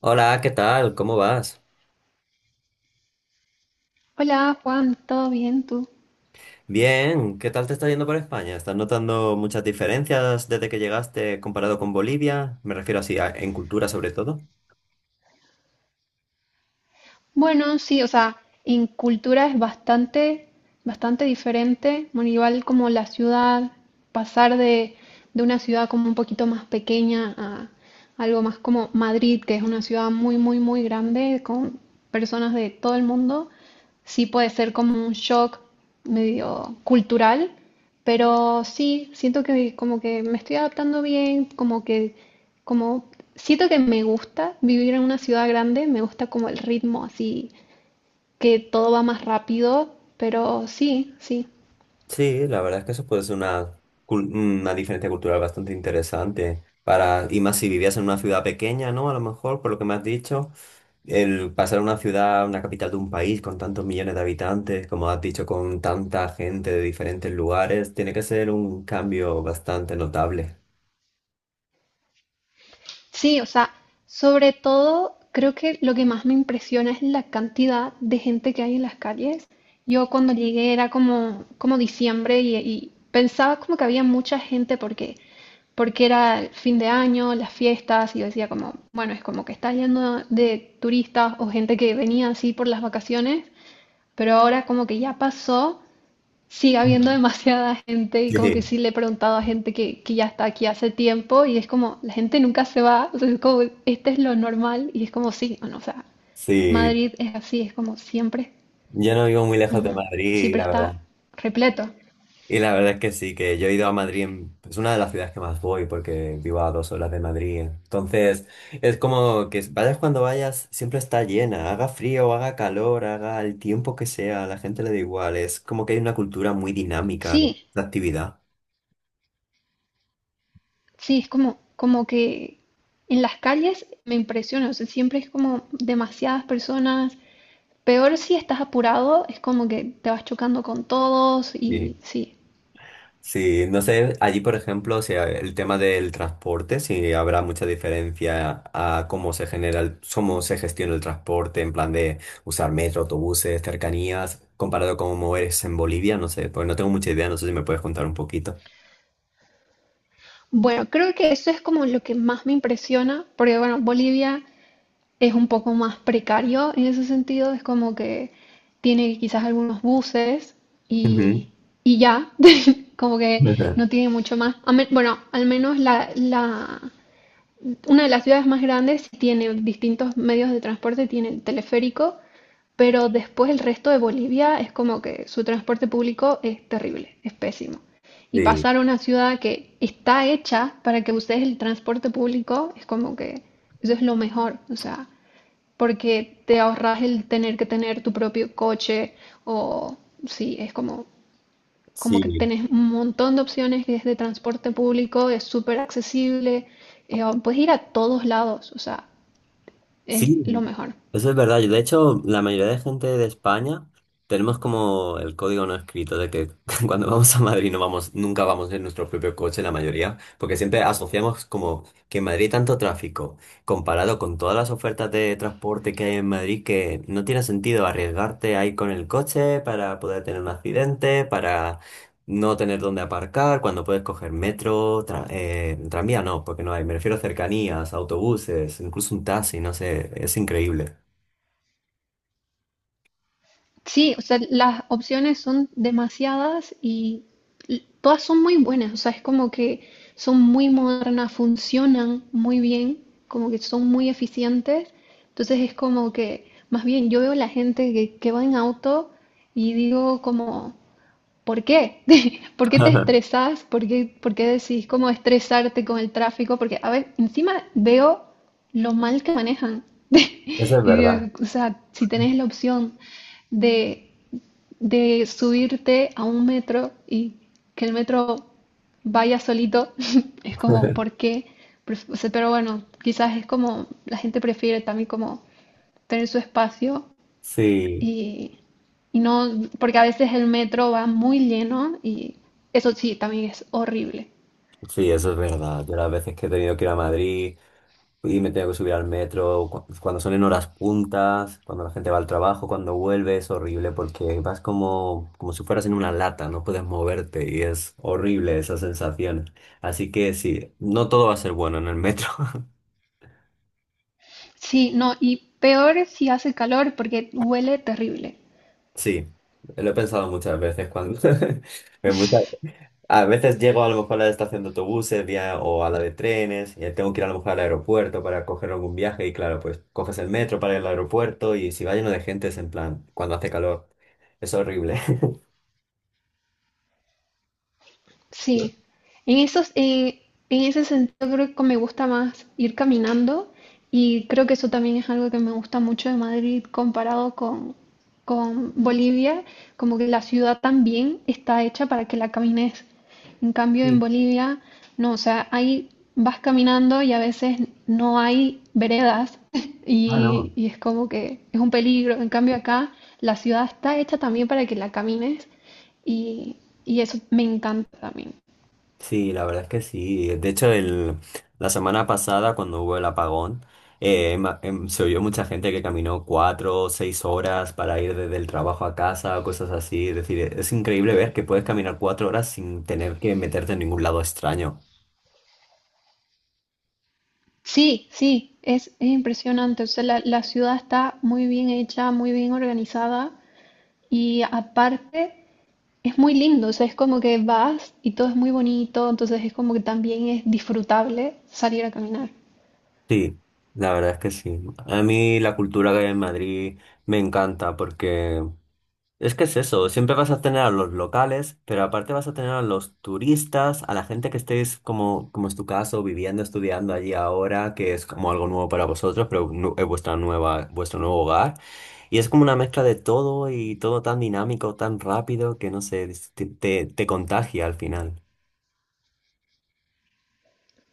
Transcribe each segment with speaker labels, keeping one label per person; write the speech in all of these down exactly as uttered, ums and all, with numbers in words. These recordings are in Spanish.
Speaker 1: Hola, ¿qué tal? ¿Cómo vas?
Speaker 2: Hola Juan, ¿todo bien tú?
Speaker 1: Bien, ¿qué tal te está yendo por España? ¿Estás notando muchas diferencias desde que llegaste comparado con Bolivia? Me refiero así, a- en cultura sobre todo.
Speaker 2: Bueno, sí, o sea, en cultura es bastante, bastante diferente. Bueno, igual como la ciudad, pasar de, de una ciudad como un poquito más pequeña a algo más como Madrid, que es una ciudad muy, muy, muy grande, con personas de todo el mundo. Sí puede ser como un shock medio cultural, pero sí, siento que como que me estoy adaptando bien, como que, como, siento que me gusta vivir en una ciudad grande, me gusta como el ritmo así, que todo va más rápido, pero sí, sí.
Speaker 1: Sí, la verdad es que eso puede ser una, cul- una diferencia cultural bastante interesante. Para, y más si vivías en una ciudad pequeña, ¿no? A lo mejor, por lo que me has dicho, el pasar a una ciudad, una capital de un país con tantos millones de habitantes, como has dicho, con tanta gente de diferentes lugares, tiene que ser un cambio bastante notable.
Speaker 2: Sí, o sea, sobre todo creo que lo que más me impresiona es la cantidad de gente que hay en las calles. Yo cuando llegué era como, como diciembre y, y pensaba como que había mucha gente porque, porque era el fin de año, las fiestas, y yo decía como, bueno, es como que está lleno de turistas o gente que venía así por las vacaciones, pero ahora como que ya pasó, sigue habiendo
Speaker 1: Mm.
Speaker 2: demasiada gente y como que
Speaker 1: Sí.
Speaker 2: sí le he preguntado a gente que, que ya está aquí hace tiempo y es como, la gente nunca se va, o sea, es como, este es lo normal y es como, sí, bueno, o sea,
Speaker 1: Sí,
Speaker 2: Madrid es así, es como siempre,
Speaker 1: yo no vivo muy lejos de
Speaker 2: ujú,
Speaker 1: Madrid, y
Speaker 2: siempre
Speaker 1: la verdad.
Speaker 2: está repleto.
Speaker 1: Y la verdad es que sí, que yo he ido a Madrid, en- es una de las ciudades que más voy porque vivo a dos horas de Madrid. Entonces, es como que vayas cuando vayas, siempre está llena, haga frío, haga calor, haga el tiempo que sea, a la gente le da igual. Es como que hay una cultura muy dinámica de
Speaker 2: Sí,
Speaker 1: de actividad.
Speaker 2: sí, es como, como que en las calles me impresiona, o sea, siempre es como demasiadas personas. Peor si estás apurado, es como que te vas chocando con todos y sí.
Speaker 1: Sí, no sé, allí por ejemplo, si el tema del transporte, si habrá mucha diferencia a cómo se genera, el- cómo se gestiona el transporte, en plan de usar metro, autobuses, cercanías, comparado con moverse en Bolivia, no sé, pues no tengo mucha idea, no sé si me puedes contar un poquito.
Speaker 2: Bueno, creo que eso es como lo que más me impresiona, porque bueno, Bolivia es un poco más precario en ese sentido, es como que tiene quizás algunos buses
Speaker 1: Ujú.
Speaker 2: y, y ya, como que no tiene mucho más. A me- Bueno, al menos la, la, una de las ciudades más grandes tiene distintos medios de transporte, tiene el teleférico, pero después el resto de Bolivia es como que su transporte público es terrible, es pésimo. Y
Speaker 1: Sí,
Speaker 2: pasar a una ciudad que está hecha para que uses el transporte público es como que eso es lo mejor, o sea, porque te ahorras el tener que tener tu propio coche o sí, es como como que
Speaker 1: sí.
Speaker 2: tenés un montón de opciones que es de transporte público, es súper accesible, eh, puedes ir a todos lados, o sea,
Speaker 1: Sí,
Speaker 2: es lo mejor.
Speaker 1: eso es verdad. Yo, de hecho, la mayoría de gente de España tenemos como el código no escrito de que cuando vamos a Madrid no vamos, nunca vamos en nuestro propio coche, la mayoría, porque siempre asociamos como que en Madrid hay tanto tráfico, comparado con todas las ofertas de transporte que hay en Madrid, que no tiene sentido arriesgarte a ir con el coche para poder tener un accidente, para no tener dónde aparcar, cuando puedes coger metro, tra- eh, tranvía no, porque no hay, me refiero a cercanías, autobuses, incluso un taxi, no sé, es increíble.
Speaker 2: Sí, o sea, las opciones son demasiadas y l- todas son muy buenas, o sea, es como que son muy modernas, funcionan muy bien, como que son muy eficientes, entonces es como que, más bien, yo veo la gente que, que va en auto y digo como. ¿Por qué? ¿Por qué te estresas? ¿Por qué, por qué decís cómo estresarte con el tráfico? Porque, a ver, encima veo lo mal que manejan.
Speaker 1: Eso es
Speaker 2: Y
Speaker 1: verdad.
Speaker 2: digo, o sea, si tenés la opción de, de subirte a un metro y que el metro vaya solito, es como, ¿por qué? Pref- o sea, pero bueno, quizás es como, la gente prefiere también como tener su espacio
Speaker 1: Sí,
Speaker 2: y, y no, porque a veces el metro va muy lleno y eso sí, también es horrible.
Speaker 1: sí, eso es verdad. Yo las veces que he tenido que ir a Madrid y me tengo que subir al metro, cu- cuando son en horas puntas, cuando la gente va al trabajo, cuando vuelve, es horrible porque vas como, como si fueras en una lata, no puedes moverte y es horrible esa sensación. Así que sí, no todo va a ser bueno en el metro.
Speaker 2: Sí, no, y peor si hace calor porque huele terrible.
Speaker 1: Sí, lo he pensado muchas veces cuando en muchas- a veces llego a lo mejor a la estación de autobuses vía- o a la de trenes y tengo que ir a lo mejor al aeropuerto para coger algún viaje y claro, pues coges el metro para ir al aeropuerto y si va lleno de gente es en plan cuando hace calor. Es horrible.
Speaker 2: Sí, en esos, en, en ese sentido creo que me gusta más ir caminando y creo que eso también es algo que me gusta mucho de Madrid comparado con, con Bolivia, como que la ciudad también está hecha para que la camines. En cambio en
Speaker 1: Sí.
Speaker 2: Bolivia, no, o sea, ahí vas caminando y a veces no hay veredas,
Speaker 1: Ah, no.
Speaker 2: y, y es como que es un peligro. En cambio acá la ciudad está hecha también para que la camines. Y, y eso me encanta también.
Speaker 1: Sí, la verdad es que sí. De hecho, el, la semana pasada, cuando hubo el apagón, eh, ma- em, se oyó mucha gente que caminó cuatro o seis horas para ir desde el trabajo a casa o cosas así. Es decir, e, es increíble ver que puedes caminar cuatro horas sin tener que meterte en ningún lado extraño.
Speaker 2: Sí, sí, es, es impresionante. O sea, la, la ciudad está muy bien hecha, muy bien organizada y aparte es muy lindo. O sea, es como que vas y todo es muy bonito, entonces es como que también es disfrutable salir a caminar.
Speaker 1: Sí, la verdad es que sí. A mí la cultura que hay en Madrid me encanta porque es que es eso, siempre vas a tener a los locales, pero aparte vas a tener a los turistas, a la gente que estéis como, como es tu caso, viviendo, estudiando allí ahora, que es como algo nuevo para vosotros, pero nu- es vuestra nueva, vuestro nuevo hogar. Y es como una mezcla de todo y todo tan dinámico, tan rápido, que no sé, es- te, te te contagia al final.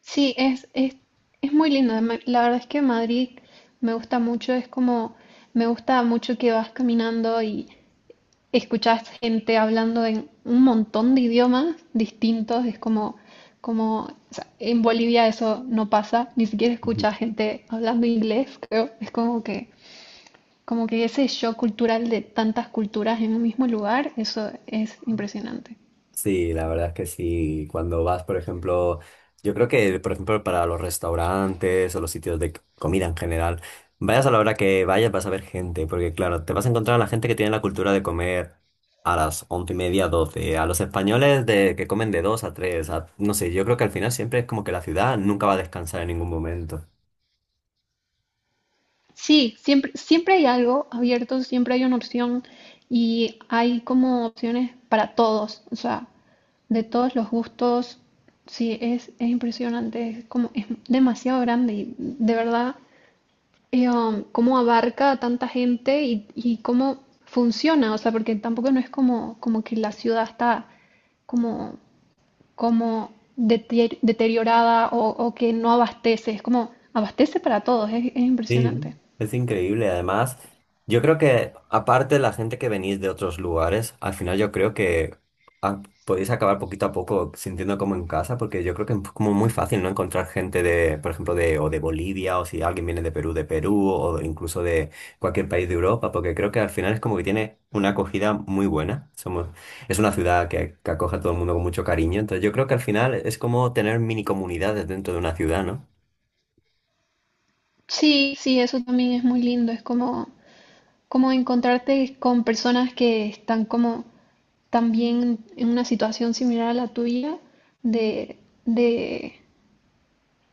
Speaker 2: Sí, es, es, es muy lindo. Ma- La verdad es que Madrid me gusta mucho, es como, me gusta mucho que vas caminando y escuchás gente hablando en un montón de idiomas distintos, es como, como, o sea, en Bolivia eso no pasa, ni siquiera escuchás gente hablando inglés, creo, es como que, como que ese shock cultural de tantas culturas en un mismo lugar, eso es impresionante.
Speaker 1: Sí, la verdad es que sí. Cuando vas, por ejemplo, yo creo que, por ejemplo, para los restaurantes o los sitios de c- comida en general, vayas a la hora que vayas, vas a ver gente, porque claro, te vas a encontrar a la gente que tiene la cultura de comer a las once y media, doce, a los españoles de que comen de dos a tres, a- no sé, yo creo que al final siempre es como que la ciudad nunca va a descansar en ningún momento.
Speaker 2: Sí, siempre, siempre hay algo abierto, siempre hay una opción y hay como opciones para todos, o sea, de todos los gustos. Sí, es, es impresionante, es como, es demasiado grande y de verdad eh, um, cómo abarca a tanta gente y, y cómo funciona, o sea, porque tampoco no es como, como que la ciudad está como, como deter- deteriorada o, o que no abastece, es como abastece para todos, es es
Speaker 1: Sí,
Speaker 2: impresionante.
Speaker 1: es increíble. Además, yo creo que aparte de la gente que venís de otros lugares, al final yo creo que ah, podéis acabar poquito a poco sintiendo como en casa, porque yo creo que es como muy fácil no encontrar gente de, por ejemplo, de o de Bolivia, o si alguien viene de Perú, de Perú, o incluso de cualquier país de Europa, porque creo que al final es como que tiene una acogida muy buena. Somos, es una ciudad que, que acoge a todo el mundo con mucho cariño, entonces yo creo que al final es como tener mini comunidades dentro de una ciudad, ¿no?
Speaker 2: Sí, sí, eso también es muy lindo. Es como, como encontrarte con personas que están como también en una situación similar a la tuya, de, de,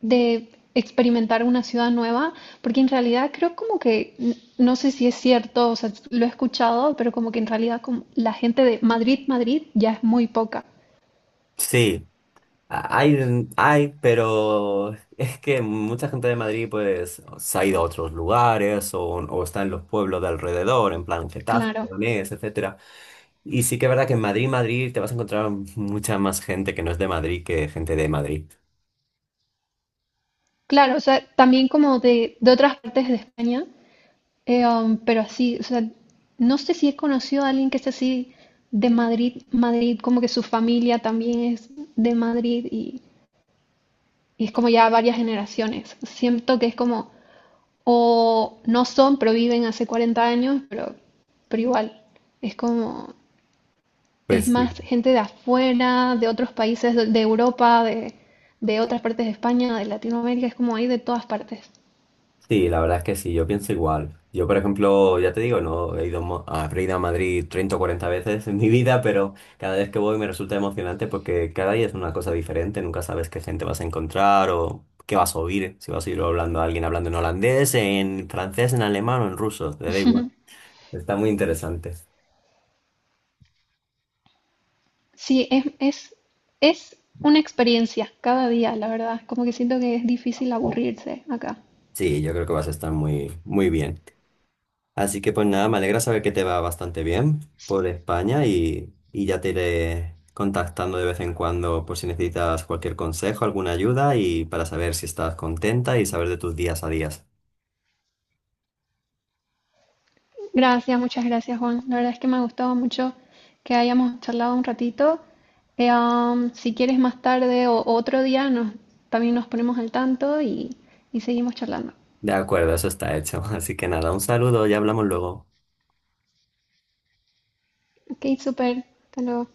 Speaker 2: de experimentar una ciudad nueva, porque en realidad creo como que, n- no sé si es cierto, o sea, lo he escuchado, pero como que en realidad como la gente de Madrid, Madrid ya es muy poca.
Speaker 1: Sí, Hay, hay, pero es que mucha gente de Madrid pues se ha ido a otros lugares o, o está en los pueblos de alrededor, en plan Getafe,
Speaker 2: Claro,
Speaker 1: Leganés, etcétera. Y sí que es verdad que en Madrid, Madrid, te vas a encontrar mucha más gente que no es de Madrid que gente de Madrid.
Speaker 2: claro, o sea, también como de, de, otras partes de España. Eh, um, pero así, o sea, no sé si he conocido a alguien que es así de Madrid, Madrid, como que su familia también es de Madrid y, y es como ya varias generaciones. Siento que es como, o no son, pero viven hace cuarenta años, pero, pero igual, es como, es
Speaker 1: Pues sí.
Speaker 2: más gente de afuera, de otros países, de, de, Europa, de, de otras partes de España, de Latinoamérica, es como hay de todas partes.
Speaker 1: Sí, la verdad es que sí, yo pienso igual. Yo, por ejemplo, ya te digo, no he ido mo- a- habré ido a Madrid treinta o cuarenta veces en mi vida, pero cada vez que voy me resulta emocionante porque cada día es una cosa diferente, nunca sabes qué gente vas a encontrar o qué vas a oír, si vas a oír hablando a alguien hablando en holandés, en francés, en alemán o en ruso, te da igual. Está muy interesante.
Speaker 2: Sí, es, es, es una experiencia cada día, la verdad. Como que siento que es difícil aburrirse acá.
Speaker 1: Sí, yo creo que vas a estar muy, muy bien. Así que pues nada, me alegra saber que te va bastante bien
Speaker 2: Sí.
Speaker 1: por España y, y ya te iré contactando de vez en cuando por si necesitas cualquier consejo, alguna ayuda y para saber si estás contenta y saber de tus días a días.
Speaker 2: Gracias, muchas gracias, Juan. La verdad es que me ha gustado mucho que hayamos charlado un ratito. Eh, am, si quieres más tarde o o otro día, nos, también nos ponemos al tanto y, y seguimos charlando.
Speaker 1: De acuerdo, eso está hecho. Así que nada, un saludo, ya hablamos luego.
Speaker 2: Ok, súper. Hasta luego.